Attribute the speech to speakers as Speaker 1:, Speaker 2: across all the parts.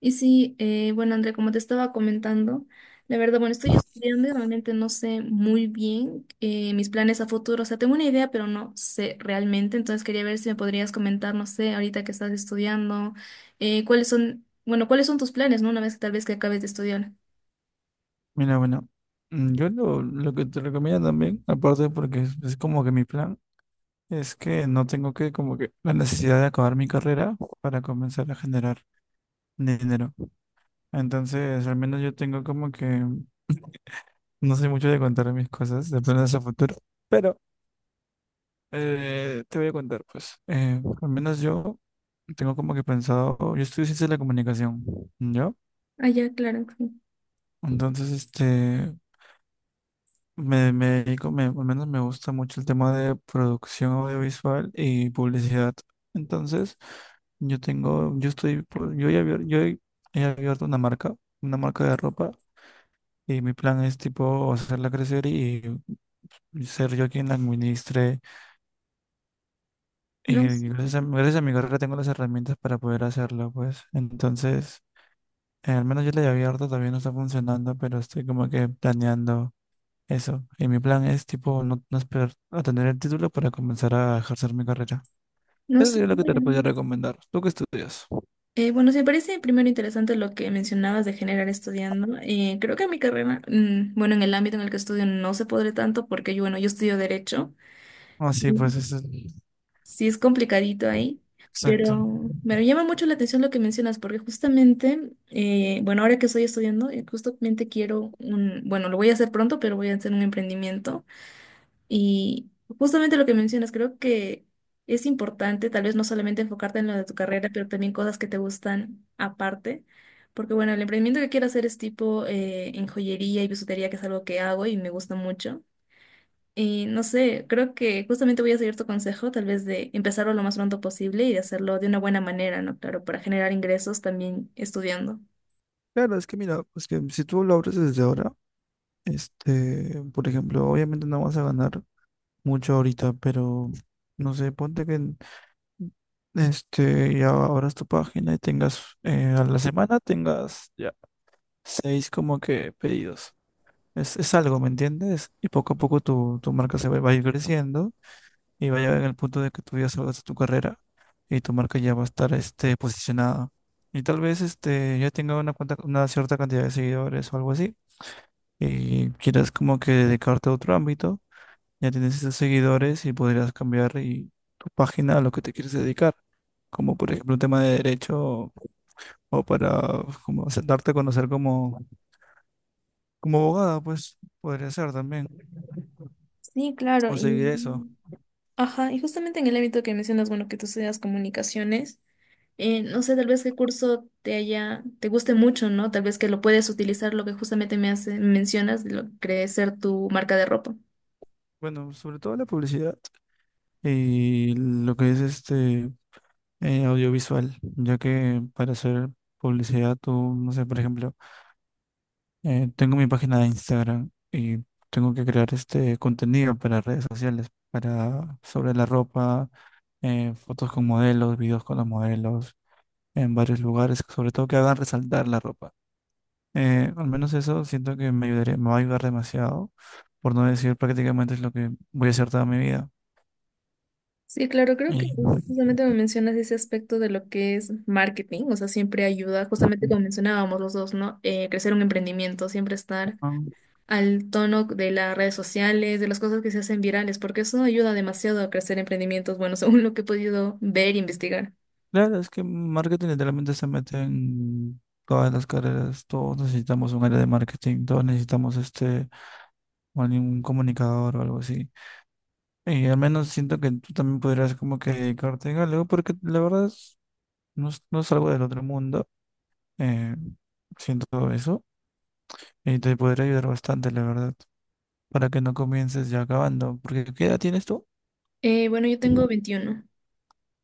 Speaker 1: Y sí, bueno, Andrea, como te estaba comentando, la verdad, bueno, estoy estudiando y realmente no sé muy bien mis planes a futuro. O sea, tengo una idea, pero no sé realmente. Entonces quería ver si me podrías comentar, no sé, ahorita que estás estudiando, cuáles son, bueno, cuáles son tus planes, ¿no? Una vez que tal vez que acabes de estudiar.
Speaker 2: Mira, bueno, lo que te recomiendo también, aparte porque es como que mi plan, es que no tengo que como que la necesidad de acabar mi carrera para comenzar a generar dinero. Entonces, al menos yo tengo como que, no sé mucho de contar mis cosas, de planes a futuro, pero te voy a contar, pues, al menos yo tengo como que pensado, yo estudio ciencia de la comunicación, ¿yo?
Speaker 1: Ah, ya, claro. Sí.
Speaker 2: Entonces, me dedico, me, al menos me gusta mucho el tema de producción audiovisual y publicidad. Entonces, yo tengo, yo estoy, yo he abierto, he abierto una marca de ropa y mi plan es tipo hacerla crecer y ser yo quien la administre.
Speaker 1: No, s-
Speaker 2: Y gracias a mi carrera tengo las herramientas para poder hacerlo, pues. Entonces, al menos yo la he abierto, todavía no está funcionando, pero estoy como que planeando. Eso. Y mi plan es, tipo, no, no esperar a tener el título para comenzar a ejercer mi carrera.
Speaker 1: no
Speaker 2: Eso
Speaker 1: sé.
Speaker 2: sería lo que te podría
Speaker 1: Bueno.
Speaker 2: recomendar. ¿Tú qué estudias?
Speaker 1: Bueno, sí, me parece primero interesante lo que mencionabas de generar estudiando. Creo que en mi carrera, bueno, en el ámbito en el que estudio no se podré tanto porque yo, bueno, yo estudio derecho.
Speaker 2: Ah, sí, pues eso.
Speaker 1: Sí, es complicadito ahí,
Speaker 2: Exacto.
Speaker 1: pero me llama mucho la atención lo que mencionas, porque justamente, bueno, ahora que estoy estudiando, justamente quiero un, bueno, lo voy a hacer pronto, pero voy a hacer un emprendimiento. Y justamente lo que mencionas, creo que es importante tal vez no solamente enfocarte en lo de tu carrera, pero también cosas que te gustan aparte. Porque bueno, el emprendimiento que quiero hacer es tipo en joyería y bisutería, que es algo que hago y me gusta mucho. Y no sé, creo que justamente voy a seguir tu consejo, tal vez de empezarlo lo más pronto posible y de hacerlo de una buena manera, ¿no? Claro, para generar ingresos también estudiando.
Speaker 2: Claro, es que mira, pues que si tú lo abres desde ahora, por ejemplo, obviamente no vas a ganar mucho ahorita, pero no sé, ponte que ya abras tu página y tengas, a la semana tengas ya 6 como que pedidos. Es algo, ¿me entiendes? Y poco a poco tu marca va a ir creciendo y va a llegar en el punto de que tú ya salgas de tu carrera y tu marca ya va a estar este, posicionada. Y tal vez este, ya tenga una, una cierta cantidad de seguidores o algo así y quieras como que dedicarte a otro ámbito ya tienes esos seguidores y podrías cambiar y tu página a lo que te quieres dedicar, como por ejemplo un tema de derecho o para como darte a conocer como, como abogada, pues podría ser también,
Speaker 1: Sí, claro.
Speaker 2: o seguir eso.
Speaker 1: Y ajá, y justamente en el ámbito que mencionas, bueno, que tú estudias comunicaciones, no sé, tal vez qué curso te haya, te guste mucho, ¿no? Tal vez que lo puedes utilizar, lo que justamente me hace, me mencionas, de lo que es ser tu marca de ropa.
Speaker 2: Bueno, sobre todo la publicidad y lo que es este audiovisual, ya que para hacer publicidad tú, no sé, por ejemplo, tengo mi página de Instagram y tengo que crear este contenido para redes sociales, para sobre la ropa fotos con modelos, videos con los modelos, en varios lugares, sobre todo que hagan resaltar la ropa. Al menos eso siento que me ayudaría, me va a ayudar demasiado, por no decir prácticamente es lo que voy a hacer toda mi vida.
Speaker 1: Sí, claro, creo que
Speaker 2: Y,
Speaker 1: justamente me mencionas ese aspecto de lo que es marketing, o sea, siempre ayuda, justamente como mencionábamos los dos, ¿no? Crecer un emprendimiento, siempre estar
Speaker 2: ah,
Speaker 1: al tono de las redes sociales, de las cosas que se hacen virales, porque eso ayuda demasiado a crecer emprendimientos, bueno, según lo que he podido ver e investigar.
Speaker 2: claro, es que marketing literalmente se mete en todas las carreras, todos necesitamos un área de marketing, todos necesitamos este, o algún comunicador o algo así. Y al menos siento que tú también podrías como que dedicarte a algo, porque la verdad... No, no es algo del otro mundo, eh, siento eso, y te podría ayudar bastante, la verdad, para que no comiences ya acabando, porque ¿qué edad tienes tú?
Speaker 1: Bueno, yo tengo 21.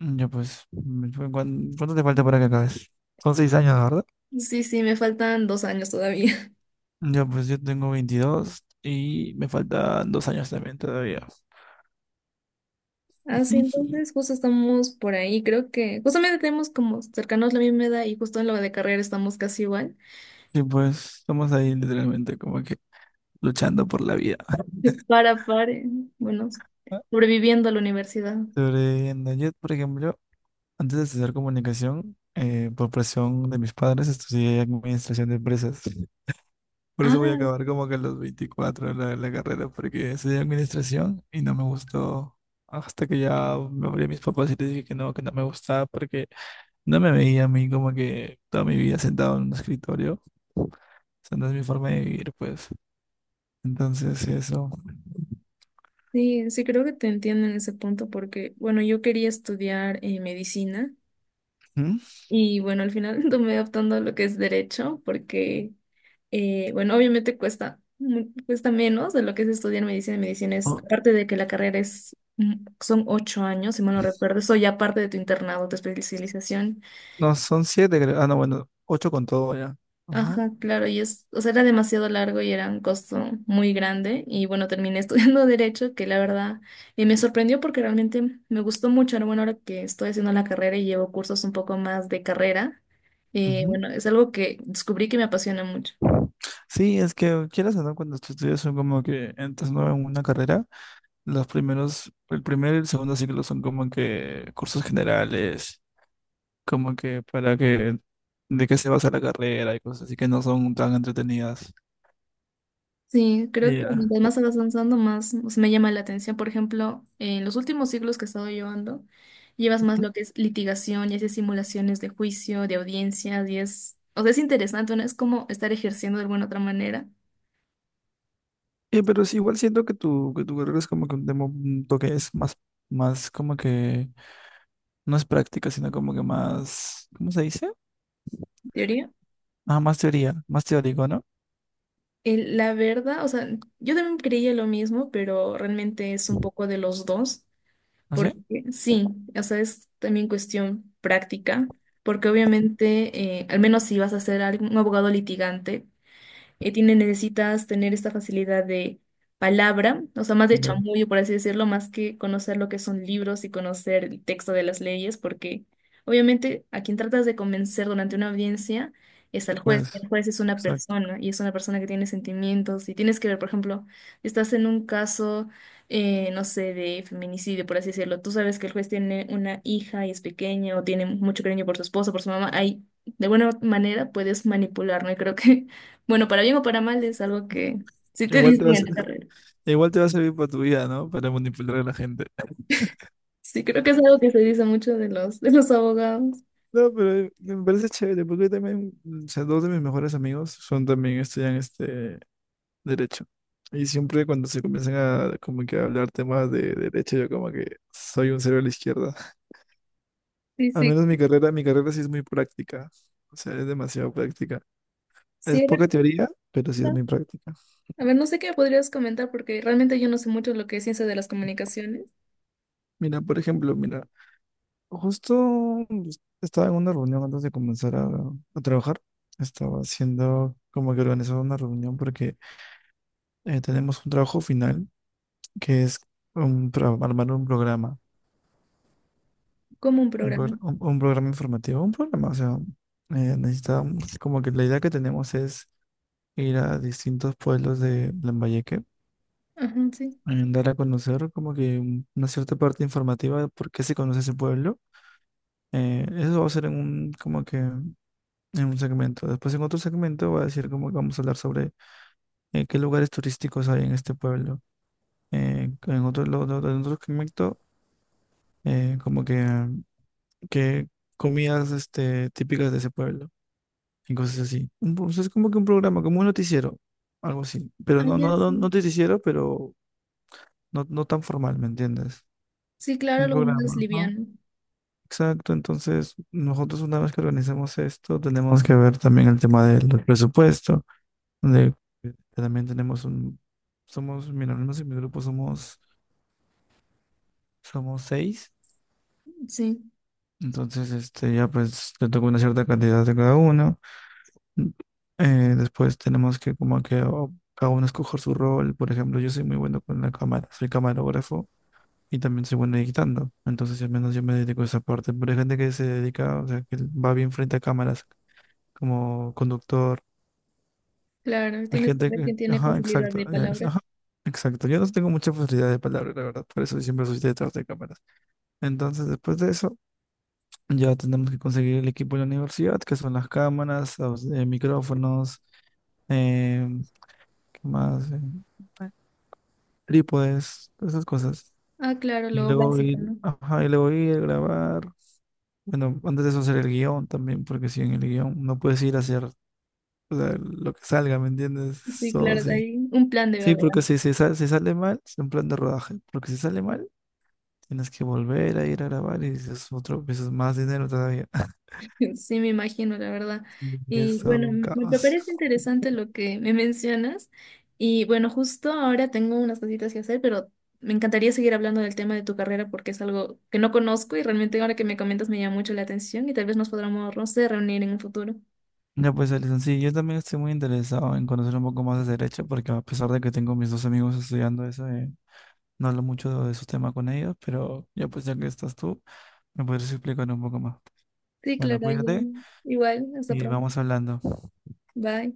Speaker 2: Ya pues, cuánto te falta para que acabes? Son 6 años, ¿verdad?
Speaker 1: Sí, sí, me faltan 2 años todavía.
Speaker 2: Ya pues yo tengo 22 y me faltan 2 años también todavía.
Speaker 1: Así, entonces justo estamos por ahí, creo que justamente tenemos como cercanos la misma edad y justo en lo de carrera estamos casi igual.
Speaker 2: Sí, pues estamos ahí literalmente como que luchando por la vida.
Speaker 1: Para, pare. Bueno, sobreviviendo a la universidad.
Speaker 2: Sobreviviendo. Yo, por ejemplo, antes de estudiar comunicación, por presión de mis padres, estudié administración de empresas. Por eso voy a
Speaker 1: Ah,
Speaker 2: acabar como que a los 24 la carrera, porque estudié administración y no me gustó. Hasta que ya me hablé a mis papás y les dije que no me gustaba, porque no me veía a mí como que toda mi vida sentado en un escritorio. O sea, no es mi forma de vivir, pues. Entonces, eso.
Speaker 1: sí, sí, creo que te entiendo en ese punto porque, bueno, yo quería estudiar medicina
Speaker 2: ¿Mm?
Speaker 1: y, bueno, al final tomé optando a lo que es derecho porque, bueno, obviamente cuesta, cuesta menos de lo que es estudiar medicina. Medicina es,
Speaker 2: Oh,
Speaker 1: aparte de que la carrera es, son 8 años, si mal no recuerdo, eso ya aparte de tu internado, tu especialización.
Speaker 2: no, son 7, creo. Ah, no, bueno, 8 con todo ya. Ajá,
Speaker 1: Ajá, claro, y es, o sea, era demasiado largo y era un costo muy grande y bueno, terminé estudiando derecho, que la verdad me sorprendió porque realmente me gustó mucho. Ahora, bueno, ahora que estoy haciendo la carrera y llevo cursos un poco más de carrera,
Speaker 2: ujú.
Speaker 1: bueno, es algo que descubrí que me apasiona mucho.
Speaker 2: Sí, es que quieras o no, cuando tú estudias son como que entras nuevo en una carrera. Los primeros, el primer y el segundo ciclo son como que cursos generales, como que para que, de qué se basa la carrera y cosas así que no son tan entretenidas.
Speaker 1: Sí, creo
Speaker 2: Y,
Speaker 1: que
Speaker 2: ya.
Speaker 1: mientras más vas avanzando, más o sea, me llama la atención. Por ejemplo, en los últimos siglos que he estado llevando, llevas más
Speaker 2: Ujú.
Speaker 1: lo que es litigación y haces simulaciones de juicio, de audiencias, y es, o sea, es interesante, ¿no? Es como estar ejerciendo de alguna otra manera,
Speaker 2: Y, pero sí, igual siento que que tu carrera es como que un tema, un toque es más, más como que, no es práctica, sino como que más, ¿cómo se dice?
Speaker 1: teoría.
Speaker 2: Ah, más teoría, más teórico, ¿no?
Speaker 1: La verdad, o sea, yo también creía lo mismo, pero realmente es un poco de los 2,
Speaker 2: ¿No
Speaker 1: porque
Speaker 2: sé?
Speaker 1: sí, o sea, es también cuestión práctica. Porque obviamente, al menos si vas a ser un abogado litigante, tiene, necesitas tener esta facilidad de palabra, o sea, más de
Speaker 2: Ya,
Speaker 1: chamuyo, por así decirlo, más que conocer lo que son libros y conocer el texto de las leyes, porque obviamente a quien tratas de convencer durante una audiencia es al juez.
Speaker 2: pues,
Speaker 1: El juez es una
Speaker 2: exacto.
Speaker 1: persona y es una persona que tiene sentimientos y tienes que ver, por ejemplo, estás en un caso no sé, de feminicidio, por así decirlo. Tú sabes que el juez tiene una hija y es pequeña o tiene mucho cariño por su esposa, por su mamá. Ahí, de buena manera, puedes manipular, ¿no? Y creo que bueno, para bien o para mal es algo que sí te
Speaker 2: Igual te va
Speaker 1: dicen
Speaker 2: a
Speaker 1: en la carrera.
Speaker 2: igual te va a servir para tu vida, ¿no? Para manipular a la gente.
Speaker 1: Sí, creo que es algo que se dice mucho de los abogados.
Speaker 2: No, pero me parece chévere, porque yo también, o sea, dos de mis mejores amigos son también estudian este derecho. Y siempre cuando se comienzan a como que a hablar temas de derecho, yo como que soy un cero a la izquierda.
Speaker 1: Sí,
Speaker 2: Al
Speaker 1: sí.
Speaker 2: menos mi carrera sí es muy práctica. O sea, es demasiado práctica. Es
Speaker 1: Sí, a ver,
Speaker 2: poca teoría, pero sí es muy
Speaker 1: comenta.
Speaker 2: práctica.
Speaker 1: A ver, no sé qué podrías comentar porque realmente yo no sé mucho lo que es ciencia de las comunicaciones,
Speaker 2: Mira, por ejemplo, mira, justo estaba en una reunión antes de comenzar a trabajar. Estaba haciendo como que organizaba una reunión porque tenemos un trabajo final que es un, armar un programa,
Speaker 1: como un
Speaker 2: un,
Speaker 1: programa.
Speaker 2: un programa informativo, un programa, o sea, necesitamos, como que la idea que tenemos es ir a distintos pueblos de Lambayeque,
Speaker 1: Ajá, sí.
Speaker 2: dar a conocer como que una cierta parte informativa de por qué se conoce ese pueblo. Eso va a ser en un, como que en un segmento. Después en otro segmento va a decir como que vamos a hablar sobre qué lugares turísticos hay en este pueblo. En otro, en otro segmento, como que comidas este, típicas de ese pueblo y cosas así. O sea, es como que un programa, como un noticiero, algo así. Pero
Speaker 1: Ah,
Speaker 2: no,
Speaker 1: ya,
Speaker 2: no, no, no
Speaker 1: sí.
Speaker 2: noticiero, pero no, no tan formal, ¿me entiendes?
Speaker 1: Sí, claro,
Speaker 2: Un
Speaker 1: algo más
Speaker 2: programa, ¿no?
Speaker 1: liviano.
Speaker 2: Exacto, entonces nosotros una vez que organizamos esto, tenemos que ver también el tema del presupuesto, donde también tenemos un, somos, mira, al menos en mi grupo somos 6,
Speaker 1: Sí,
Speaker 2: entonces este ya pues le toca una cierta cantidad de cada uno. Después tenemos que como que cada uno escoger su rol. Por ejemplo, yo soy muy bueno con la cámara, soy camarógrafo y también soy bueno editando. Entonces, al menos yo me dedico a esa parte. Pero hay gente que se dedica, o sea, que va bien frente a cámaras como conductor.
Speaker 1: claro,
Speaker 2: Hay
Speaker 1: tienes que
Speaker 2: gente
Speaker 1: ver
Speaker 2: que,
Speaker 1: quién tiene
Speaker 2: ajá,
Speaker 1: facilidad
Speaker 2: exacto,
Speaker 1: de palabra.
Speaker 2: ajá, exacto. Yo no tengo mucha facilidad de palabra, la verdad, por eso siempre soy detrás de cámaras. Entonces, después de eso, ya tenemos que conseguir el equipo de la universidad, que son las cámaras, los, micrófonos em, más en trípodes, todas esas cosas.
Speaker 1: Ah, claro,
Speaker 2: Y
Speaker 1: lo
Speaker 2: luego
Speaker 1: básico,
Speaker 2: ir,
Speaker 1: ¿no?
Speaker 2: ajá, y luego ir, grabar. Bueno, antes de eso hacer el guión también, porque si en el guión no puedes ir a hacer o sea, lo que salga, ¿me entiendes?
Speaker 1: Sí,
Speaker 2: Todo
Speaker 1: claro, de
Speaker 2: sí.
Speaker 1: ahí un plan debe
Speaker 2: Sí,
Speaker 1: haber.
Speaker 2: porque si, si, si sale mal, es en plan de rodaje. Porque si sale mal, tienes que volver a ir a grabar y es otro, pues, es más dinero todavía.
Speaker 1: Sí, me imagino, la verdad.
Speaker 2: Y es
Speaker 1: Y
Speaker 2: todo
Speaker 1: bueno,
Speaker 2: un
Speaker 1: me
Speaker 2: caos.
Speaker 1: parece interesante lo que me mencionas. Y bueno, justo ahora tengo unas cositas que hacer, pero me encantaría seguir hablando del tema de tu carrera porque es algo que no conozco y realmente ahora que me comentas me llama mucho la atención y tal vez nos podamos, no sé, reunir en un futuro.
Speaker 2: Ya pues, Alison, sí, yo también estoy muy interesado en conocer un poco más de derecho, porque a pesar de que tengo mis dos amigos estudiando eso, no hablo mucho de esos temas con ellos, pero ya pues ya que estás tú, me podrías explicar un poco más.
Speaker 1: Sí,
Speaker 2: Bueno,
Speaker 1: claro, ya.
Speaker 2: cuídate
Speaker 1: Igual, hasta
Speaker 2: y
Speaker 1: pronto.
Speaker 2: vamos hablando.
Speaker 1: Bye.